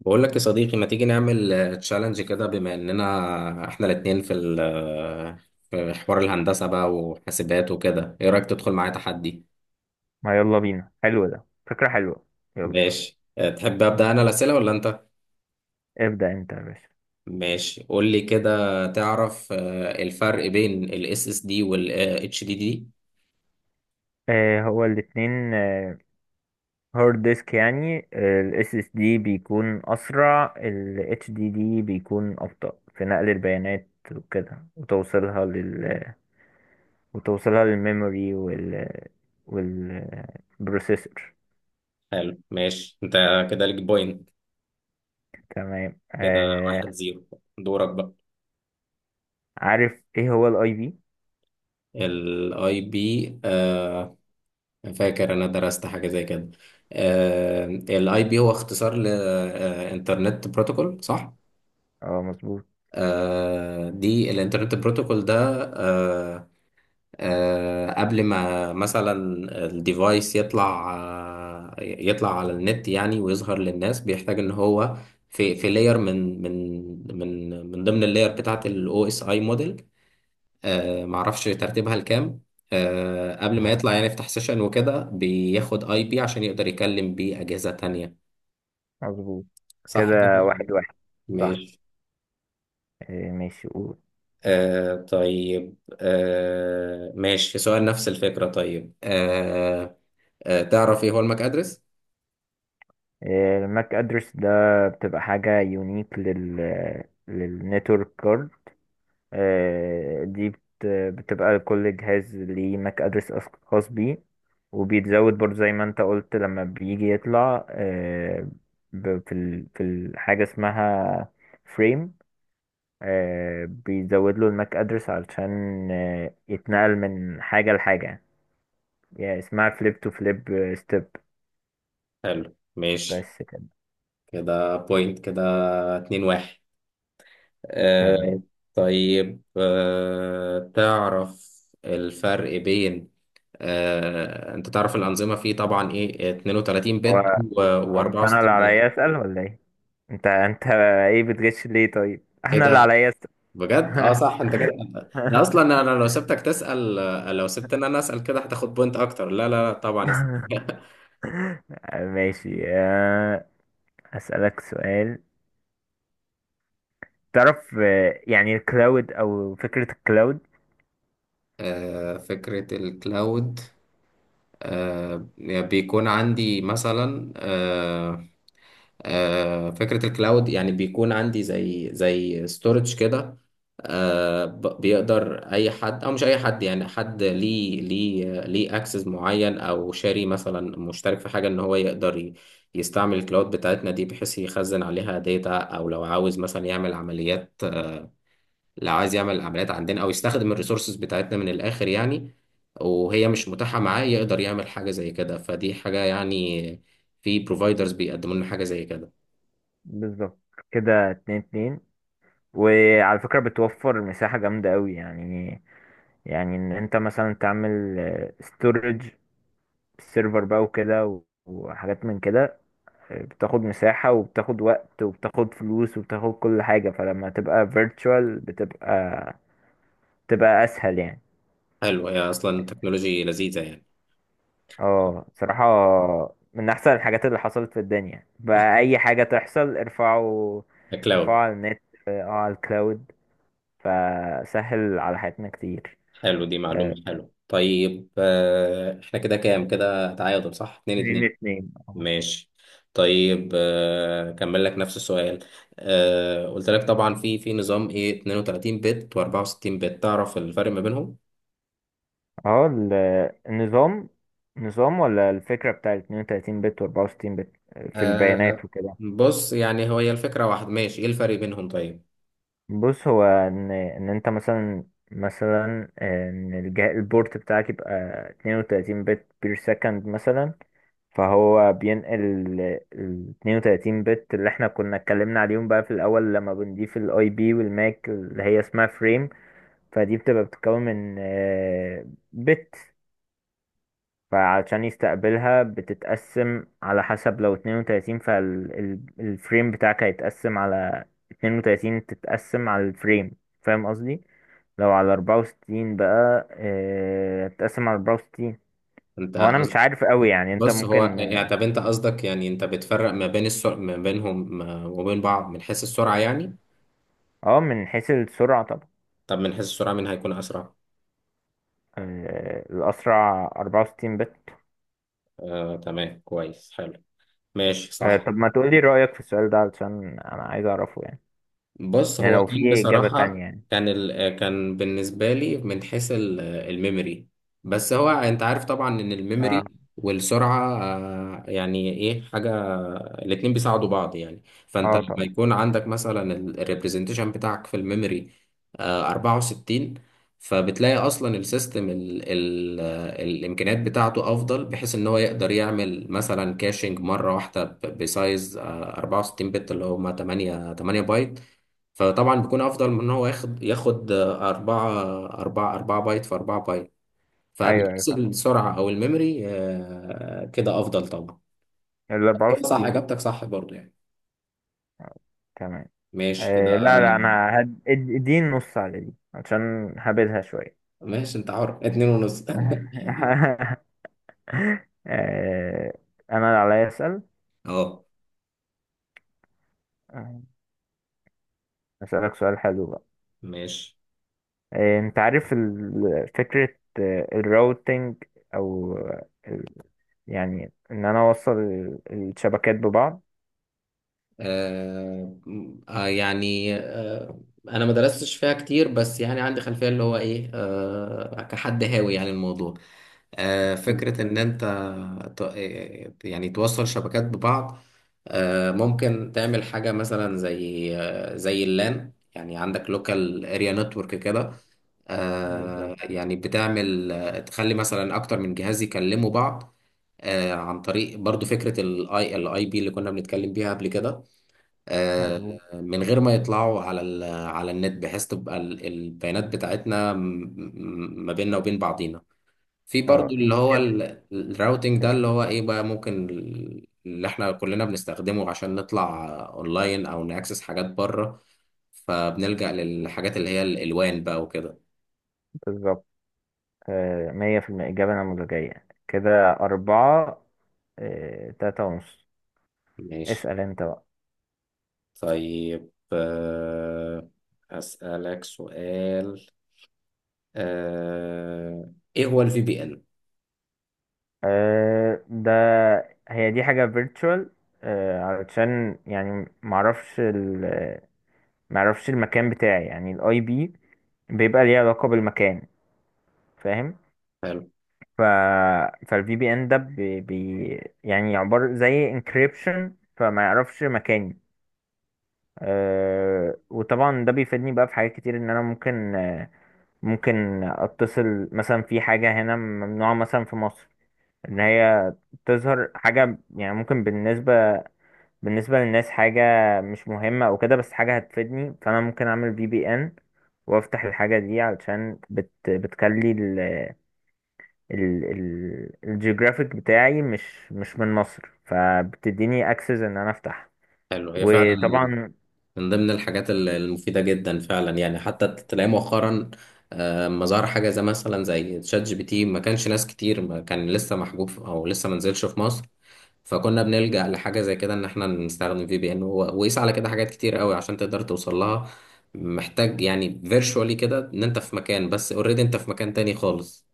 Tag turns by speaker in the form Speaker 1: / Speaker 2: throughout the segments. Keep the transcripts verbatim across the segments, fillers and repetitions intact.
Speaker 1: بقول لك يا صديقي، ما تيجي نعمل تشالنج كده بما اننا احنا الاتنين في ال- في حوار الهندسة بقى وحاسبات وكده. ايه رأيك تدخل معايا تحدي؟
Speaker 2: ما يلا بينا. حلو، ده فكرة حلوة. يلا.
Speaker 1: ماشي. أه، تحب ابدأ انا الأسئلة ولا انت؟
Speaker 2: ابدأ انت يا باشا.
Speaker 1: ماشي، قول لي كده. تعرف أه، الفرق بين الاس اس إس دي والاتش دي دي؟
Speaker 2: آه، هو الاتنين هارد ديسك، يعني الاس اس دي بيكون اسرع، ال اتش دي دي بيكون ابطأ في نقل البيانات وكده وتوصيلها لل وتوصيلها للميموري وال والبروسيسور.
Speaker 1: حلو، ماشي، انت كده ليك بوينت.
Speaker 2: تمام،
Speaker 1: كده
Speaker 2: آه.
Speaker 1: واحد زيرو. دورك بقى.
Speaker 2: عارف ايه هو الاي بي؟
Speaker 1: الاي بي؟ فاكر، انا درست حاجه زي كده. الاي بي هو اختصار لانترنت بروتوكول، صح؟
Speaker 2: اه، مظبوط،
Speaker 1: آه، دي الانترنت بروتوكول ده. آه، آه، قبل ما مثلا الديفايس يطلع، آه، يطلع على النت يعني ويظهر للناس، بيحتاج ان هو في في لاير، من من من من ضمن اللاير بتاعه الاو اس اي موديل. آه، معرفش ترتيبها لكام. آه، قبل ما يطلع يعني يفتح سيشن وكده بياخد اي بي عشان يقدر يكلم بيه اجهزة تانية.
Speaker 2: مظبوط،
Speaker 1: صح كده
Speaker 2: كده
Speaker 1: ولا
Speaker 2: واحد
Speaker 1: إيه؟
Speaker 2: واحد صح.
Speaker 1: ماشي.
Speaker 2: آه، ماشي.
Speaker 1: آه طيب، آه ماشي، في سؤال نفس الفكرة. طيب، آه آه تعرف ايه هو الماك ادرس؟
Speaker 2: الماك ادرس ده بتبقى حاجة يونيك لل للنتورك كارد. آه، دي بت- بتبقى كل جهاز ليه ماك ادرس خاص بيه، وبيتزود برضه، زي ما انت قلت، لما بيجي يطلع آه، ب- في ال- في الحاجة اسمها فريم، بيزود له الماك ادرس علشان آه، يتنقل من حاجة لحاجة، يعني اسمها فليب تو فليب ستيب.
Speaker 1: حلو، ماشي
Speaker 2: بس كده.
Speaker 1: كده بوينت. كده اتنين واحد. آه
Speaker 2: تمام.
Speaker 1: طيب، آه تعرف الفرق بين، آه، انت تعرف الانظمه فيه طبعا ايه اثنين وثلاثين بت
Speaker 2: أو مش
Speaker 1: و64
Speaker 2: انا اللي
Speaker 1: بت؟
Speaker 2: عليا اسال ولا ايه؟ انت انت ايه بتغش ليه طيب؟ احنا اللي
Speaker 1: كده
Speaker 2: عليا اسال.
Speaker 1: بجد، اه صح، انت كده ده اصلا. انا أنا لو سبتك تسال، آه، لو سبت ان انا اسال كده هتاخد بوينت اكتر. لا لا لا طبعا اسأل.
Speaker 2: ماشي. آه، اسالك سؤال. تعرف آه، يعني الكلاود او فكره الكلاود؟
Speaker 1: آه، فكره الكلاود. آه، بيكون عندي مثلا، آه، آه، فكرة الكلاود يعني بيكون عندي زي زي ستورج كده. آه، ب- بيقدر أي حد أو مش أي حد، يعني حد ليه ليه ليه أكسس معين أو شاري مثلا مشترك في حاجة، إن هو يقدر ي- يستعمل الكلاود بتاعتنا دي بحيث يخزن عليها داتا، أو لو عاوز مثلا يعمل عمليات لو عايز يعمل عمليات عندنا، أو يستخدم الريسورسز بتاعتنا من الآخر يعني، وهي مش متاحة معاه. يقدر يعمل حاجة زي كده، فدي حاجة يعني في بروفايدرز بيقدموا لنا حاجة زي كده.
Speaker 2: بالظبط، كده اتنين اتنين. وعلى فكره بتوفر مساحه جامده قوي يعني. يعني ان انت مثلا تعمل ستورج سيرفر بقى وكده و- وحاجات من كده، بتاخد مساحة وبتاخد وقت وبتاخد فلوس وبتاخد كل حاجة، فلما تبقى virtual بتبقى بتبقى أسهل يعني.
Speaker 1: حلو، هي أصلا تكنولوجي لذيذة يعني.
Speaker 2: اه، صراحة، من أحسن الحاجات اللي حصلت في الدنيا. بقى أي حاجة تحصل، ارفعوا، ارفعوا
Speaker 1: كلاود.
Speaker 2: على النت، اه، على الكلاود، فسهل على حياتنا كتير.
Speaker 1: حلو، دي
Speaker 2: اه،
Speaker 1: معلومة. حلو، طيب، آه، إحنا كده كام؟ كده تعادل، صح، اتنين اتنين.
Speaker 2: اتنين اتنين، اه.
Speaker 1: ماشي، طيب، آه، كمل لك نفس السؤال. آه، قلت لك طبعا في في نظام إيه اتنين وتلاتين بت و64 بت، تعرف الفرق ما بينهم؟
Speaker 2: اه، ال- النظام، نظام ولا الفكرة بتاع اتنين وتلاتين بت و اربعة وستين بت في البيانات
Speaker 1: آه،
Speaker 2: وكده؟
Speaker 1: بص، يعني هو هي الفكرة واحد، ماشي، إيه الفرق بينهم طيب؟
Speaker 2: بص، هو ان ان انت مثلا مثلا ان الجهاز البورت بتاعك يبقى اتنين وتلاتين بت بير سكند مثلا، فهو بينقل ال اتنين وتلاتين بت اللي احنا كنا اتكلمنا عليهم بقى في الاول لما بنضيف الاي بي والماك اللي هي اسمها فريم، فدي بتبقى بتتكون من بت. فعشان يستقبلها بتتقسم على حسب، لو اثنين وثلاثين فالفريم بتاعك هيتقسم على اثنين وثلاثين، تتقسم على الفريم، فاهم قصدي؟ لو على اربعة وستين بقى، آه، هتتقسم على اربعة وستين.
Speaker 1: أنت
Speaker 2: هو انا مش
Speaker 1: قصد-
Speaker 2: عارف قوي، يعني انت
Speaker 1: بص، هو
Speaker 2: ممكن.
Speaker 1: يعني، طب أنت قصدك يعني أنت بتفرق ما بين السرعة ما بينهم، ما- وبين بعض من حيث السرعة يعني.
Speaker 2: اه، من حيث السرعة طبعا.
Speaker 1: طب من حيث السرعة مين هيكون أسرع؟
Speaker 2: آه، الاسرع اربعة وستين بت.
Speaker 1: آه تمام، كويس، حلو، ماشي،
Speaker 2: آه، طب
Speaker 1: صح.
Speaker 2: ما تقولي رأيك في السؤال ده علشان انا عايز اعرفه يعني،
Speaker 1: بص،
Speaker 2: يعني
Speaker 1: هو
Speaker 2: لو
Speaker 1: كان
Speaker 2: في اجابة
Speaker 1: بصراحة،
Speaker 2: تانية يعني.
Speaker 1: كان ال... كان بالنسبة لي من حيث ال- الميموري. بس هو انت عارف طبعا ان
Speaker 2: اه.
Speaker 1: الميموري والسرعة، آه، يعني ايه حاجة، الاتنين بيساعدوا بعض يعني. فانت
Speaker 2: اه،
Speaker 1: لما
Speaker 2: طبعا.
Speaker 1: يكون عندك مثلا الريبريزنتيشن بتاعك في الميموري آه، أربعة وستين، فبتلاقي اصلا السيستم ال... ال... آه، الامكانيات بتاعته افضل، بحيث ان هو يقدر يعمل مثلا كاشنج مرة واحدة ب- بسايز آه، أربعة وستين بت، اللي هما تمانية تمانية بايت، فطبعا بيكون افضل من ان هو ياخد ياخد آه، أربعة أربعة أربعة بايت في أربعة بايت. فمن
Speaker 2: ايوه، ايوه،
Speaker 1: حيث
Speaker 2: فعلا
Speaker 1: السرعة أو الميموري، آه، كده أفضل طبعا.
Speaker 2: ال
Speaker 1: هو صح،
Speaker 2: اربعة وستين.
Speaker 1: إجابتك صح برضو يعني.
Speaker 2: تمام.
Speaker 1: ماشي كده.
Speaker 2: آه، لا، لا، انا هد... اد- اديني نص على دي عشان هبدها شوية.
Speaker 1: ماشي، أنت حر. اتنين ونص
Speaker 2: آه انا اللي عليا اسأل.
Speaker 1: أه
Speaker 2: آه، اسألك سؤال حلو بقى.
Speaker 1: ماشي.
Speaker 2: آه انت عارف ال- فكرة آه، الراوتينج، او آه، ال... يعني ان انا اوصل ال- الشبكات ببعض.
Speaker 1: آه آه، يعني، آه انا ما درستش فيها كتير، بس يعني عندي خلفيه اللي هو ايه، آه كحد هاوي يعني الموضوع. آه فكره ان انت ت- آه، يعني توصل شبكات ببعض. آه ممكن تعمل حاجه مثلا زي، آه زي اللان، يعني عندك لوكال اريا نتورك كده. آه
Speaker 2: بالظبط،
Speaker 1: يعني بتعمل آه، تخلي مثلا اكتر من جهاز يكلموا بعض، آه عن طريق برضو فكرة الاي الاي بي اللي كنا بنتكلم بيها قبل كده. آه،
Speaker 2: مظبوط.
Speaker 1: من غير ما يطلعوا على ال- على النت، بحيث تبقى ال- البيانات بتاعتنا م- م- ما بيننا وبين بعضينا. في برضو
Speaker 2: اه، دي
Speaker 1: اللي هو
Speaker 2: كده
Speaker 1: ال- الراوتينج ده، اللي هو ايه بقى، ممكن ال- اللي احنا كلنا بنستخدمه عشان نطلع اونلاين او ناكسس حاجات بره. فبنلجأ للحاجات اللي هي الالوان بقى وكده.
Speaker 2: بالظبط. آه، مية في المية، إجابة نموذجية، كده أربعة، آه، تلاتة ونص.
Speaker 1: ماشي،
Speaker 2: اسأل انت بقى.
Speaker 1: طيب، آه، أسألك سؤال. آه، ايه هو الفي بي ان؟
Speaker 2: أه ده هي دي حاجة virtual، أه علشان يعني معرفش ال معرفش المكان بتاعي، يعني الاي بي بيبقى ليه علاقة بالمكان، فاهم؟
Speaker 1: حلو.
Speaker 2: ف فالفي بي ان ده بي... بي يعني عبارة زي encryption، فما يعرفش مكاني. أه، وطبعا ده بيفيدني بقى في حاجات كتير، ان انا ممكن آه، ممكن اتصل مثلا في حاجة هنا ممنوعة مثلا في مصر، ان هي تظهر حاجة، يعني ممكن بالنسبة بالنسبة للناس حاجة مش مهمة او كده، بس حاجة هتفيدني، فانا ممكن اعمل في بي ان وافتح الحاجة دي، علشان بت بتخلي ال ال ال الجيوغرافيك بتاعي مش مش من مصر، فبتديني اكسس ان انا افتح.
Speaker 1: حلو هي فعلا
Speaker 2: وطبعا،
Speaker 1: من ضمن الحاجات ال- المفيدة جدا فعلا يعني. حتى تلاقي مؤخرا آه، لما ظهر حاجة زي مثلا زي تشات جي بي تي، ما كانش ناس كتير، ما كان لسه محجوب في- أو لسه ما نزلش في مصر. فكنا بنلجأ لحاجة زي كده إن إحنا نستخدم في بي إن. وقيس على كده حاجات كتير قوي عشان تقدر توصل لها. محتاج يعني فيرشوالي كده إن أنت في مكان، بس أوريدي أنت في مكان تاني خالص.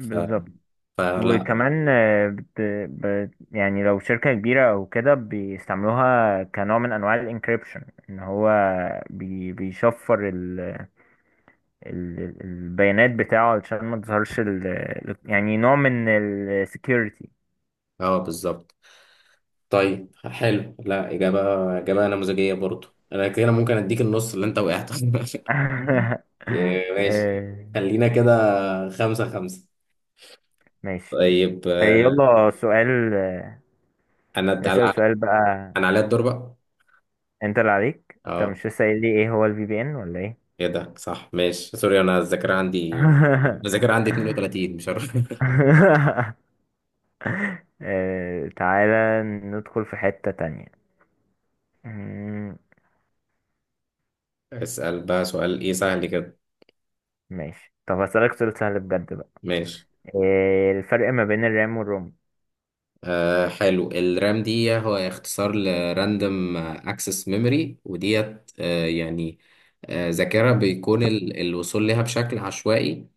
Speaker 1: ف... فلا.
Speaker 2: وكمان، آه، بت... بت... يعني لو شركة كبيرة أو كده، بيستعملوها كنوع من أنواع الانكريبشن، إن هو بي... بيشفر ال- ال- البيانات بتاعه علشان ما تظهرش ال... ال- يعني نوع من السكيورتي.
Speaker 1: اه بالظبط. طيب حلو، لا، إجابة إجابة نموذجية برضو، أنا كده ممكن أديك النص اللي أنت وقعت يا ماشي،
Speaker 2: آه،
Speaker 1: خلينا كده، خمسة خمسة.
Speaker 2: ماشي.
Speaker 1: طيب،
Speaker 2: آه،
Speaker 1: آه،
Speaker 2: يلا سؤال. آه،
Speaker 1: أنا أنا
Speaker 2: نسأل سؤال بقى.
Speaker 1: أنا عليا الدور بقى.
Speaker 2: انت اللي عليك، انت
Speaker 1: أه،
Speaker 2: مش لسه قايل لي ايه هو الفي بي ان ولا ايه؟
Speaker 1: إيه ده، صح، ماشي، سوري، أنا الذاكرة عندي الذاكرة عندي اتنين وتلاتين، مش عارف
Speaker 2: آه، تعالى ندخل في حتة تانية. مم.
Speaker 1: اسأل بقى سؤال إيه سهل كده.
Speaker 2: ماشي، طب هسألك سؤال سهل بجد بقى.
Speaker 1: ماشي.
Speaker 2: آه، الفرق ما بين الرام والروم؟
Speaker 1: آه حلو، الرام دي هو اختصار لراندوم اكسس ميموري، وديت آه يعني، آه ذاكرة بيكون ال- الوصول لها بشكل عشوائي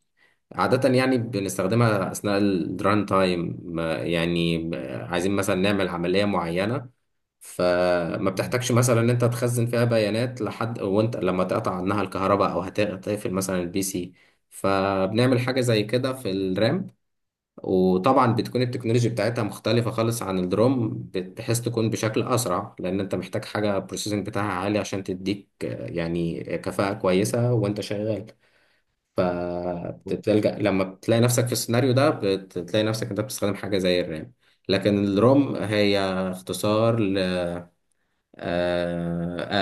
Speaker 1: عادة، يعني بنستخدمها أثناء الران تايم. يعني آه، عايزين مثلا نعمل عملية معينة، فما
Speaker 2: مم.
Speaker 1: بتحتاجش مثلا ان انت تخزن فيها بيانات لحد وانت لما تقطع عنها الكهرباء او هتقفل مثلا البي سي. فبنعمل حاجة زي كده في الرام. وطبعا بتكون التكنولوجيا بتاعتها مختلفة خالص عن الدروم، بت- بحيث تكون بشكل أسرع، لأن أنت محتاج حاجة بروسيسنج بتاعها عالي عشان تديك آه، يعني كفاءة كويسة وأنت شغال. فبتلجأ لما بتلاقي نفسك في السيناريو ده بتلاقي نفسك أنت بتستخدم حاجة زي الرام. لكن الروم هي اختصار ل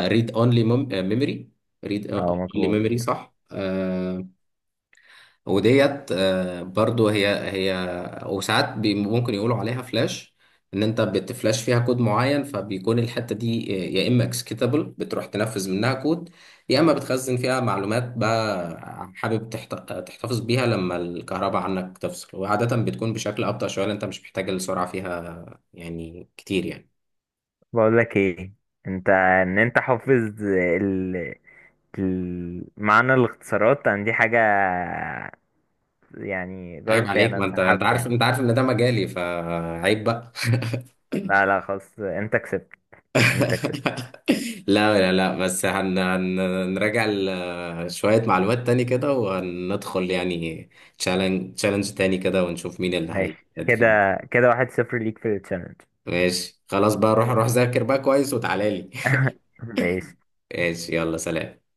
Speaker 1: ريد اونلي ميموري. ريد
Speaker 2: اه،
Speaker 1: اونلي
Speaker 2: مظبوط.
Speaker 1: ميموري صح، آه، وديت آه، برضو هي هي وساعات بي- ممكن يقولوا عليها فلاش، ان انت بتفلاش فيها كود معين. فبيكون الحتة دي آه، يا اما اكسكيتابل بتروح تنفذ منها كود، يا اما بتخزن فيها معلومات بقى حابب تحت- تحتفظ بيها لما الكهرباء عنك تفصل. وعادة بتكون بشكل ابطأ شوية لأن انت مش محتاج السرعة فيها يعني كتير يعني.
Speaker 2: بقول لك ايه، انت ان انت حافظ ال... ال... معنى الاختصارات عن دي حاجة؟ يعني
Speaker 1: عيب
Speaker 2: جارتي،
Speaker 1: عليك،
Speaker 2: انا
Speaker 1: ما انت انت
Speaker 2: انسحبت
Speaker 1: عارف،
Speaker 2: يعني.
Speaker 1: انت عارف ان ده مجالي، فعيب بقى
Speaker 2: لا، لا، خلاص، انت كسبت، انت كسبت.
Speaker 1: لا لا لا، بس هن هن- هنراجع ال- شوية معلومات تاني كده، وهندخل يعني تشالنج تشالنج تاني كده، ونشوف مين اللي
Speaker 2: ماشي
Speaker 1: هيأدي
Speaker 2: كده،
Speaker 1: فيه.
Speaker 2: كده واحد صفر ليك في التشالنج.
Speaker 1: ماشي، خلاص بقى، روح روح ذاكر بقى كويس وتعالى لي
Speaker 2: ماشي.
Speaker 1: ماشي، يلا سلام.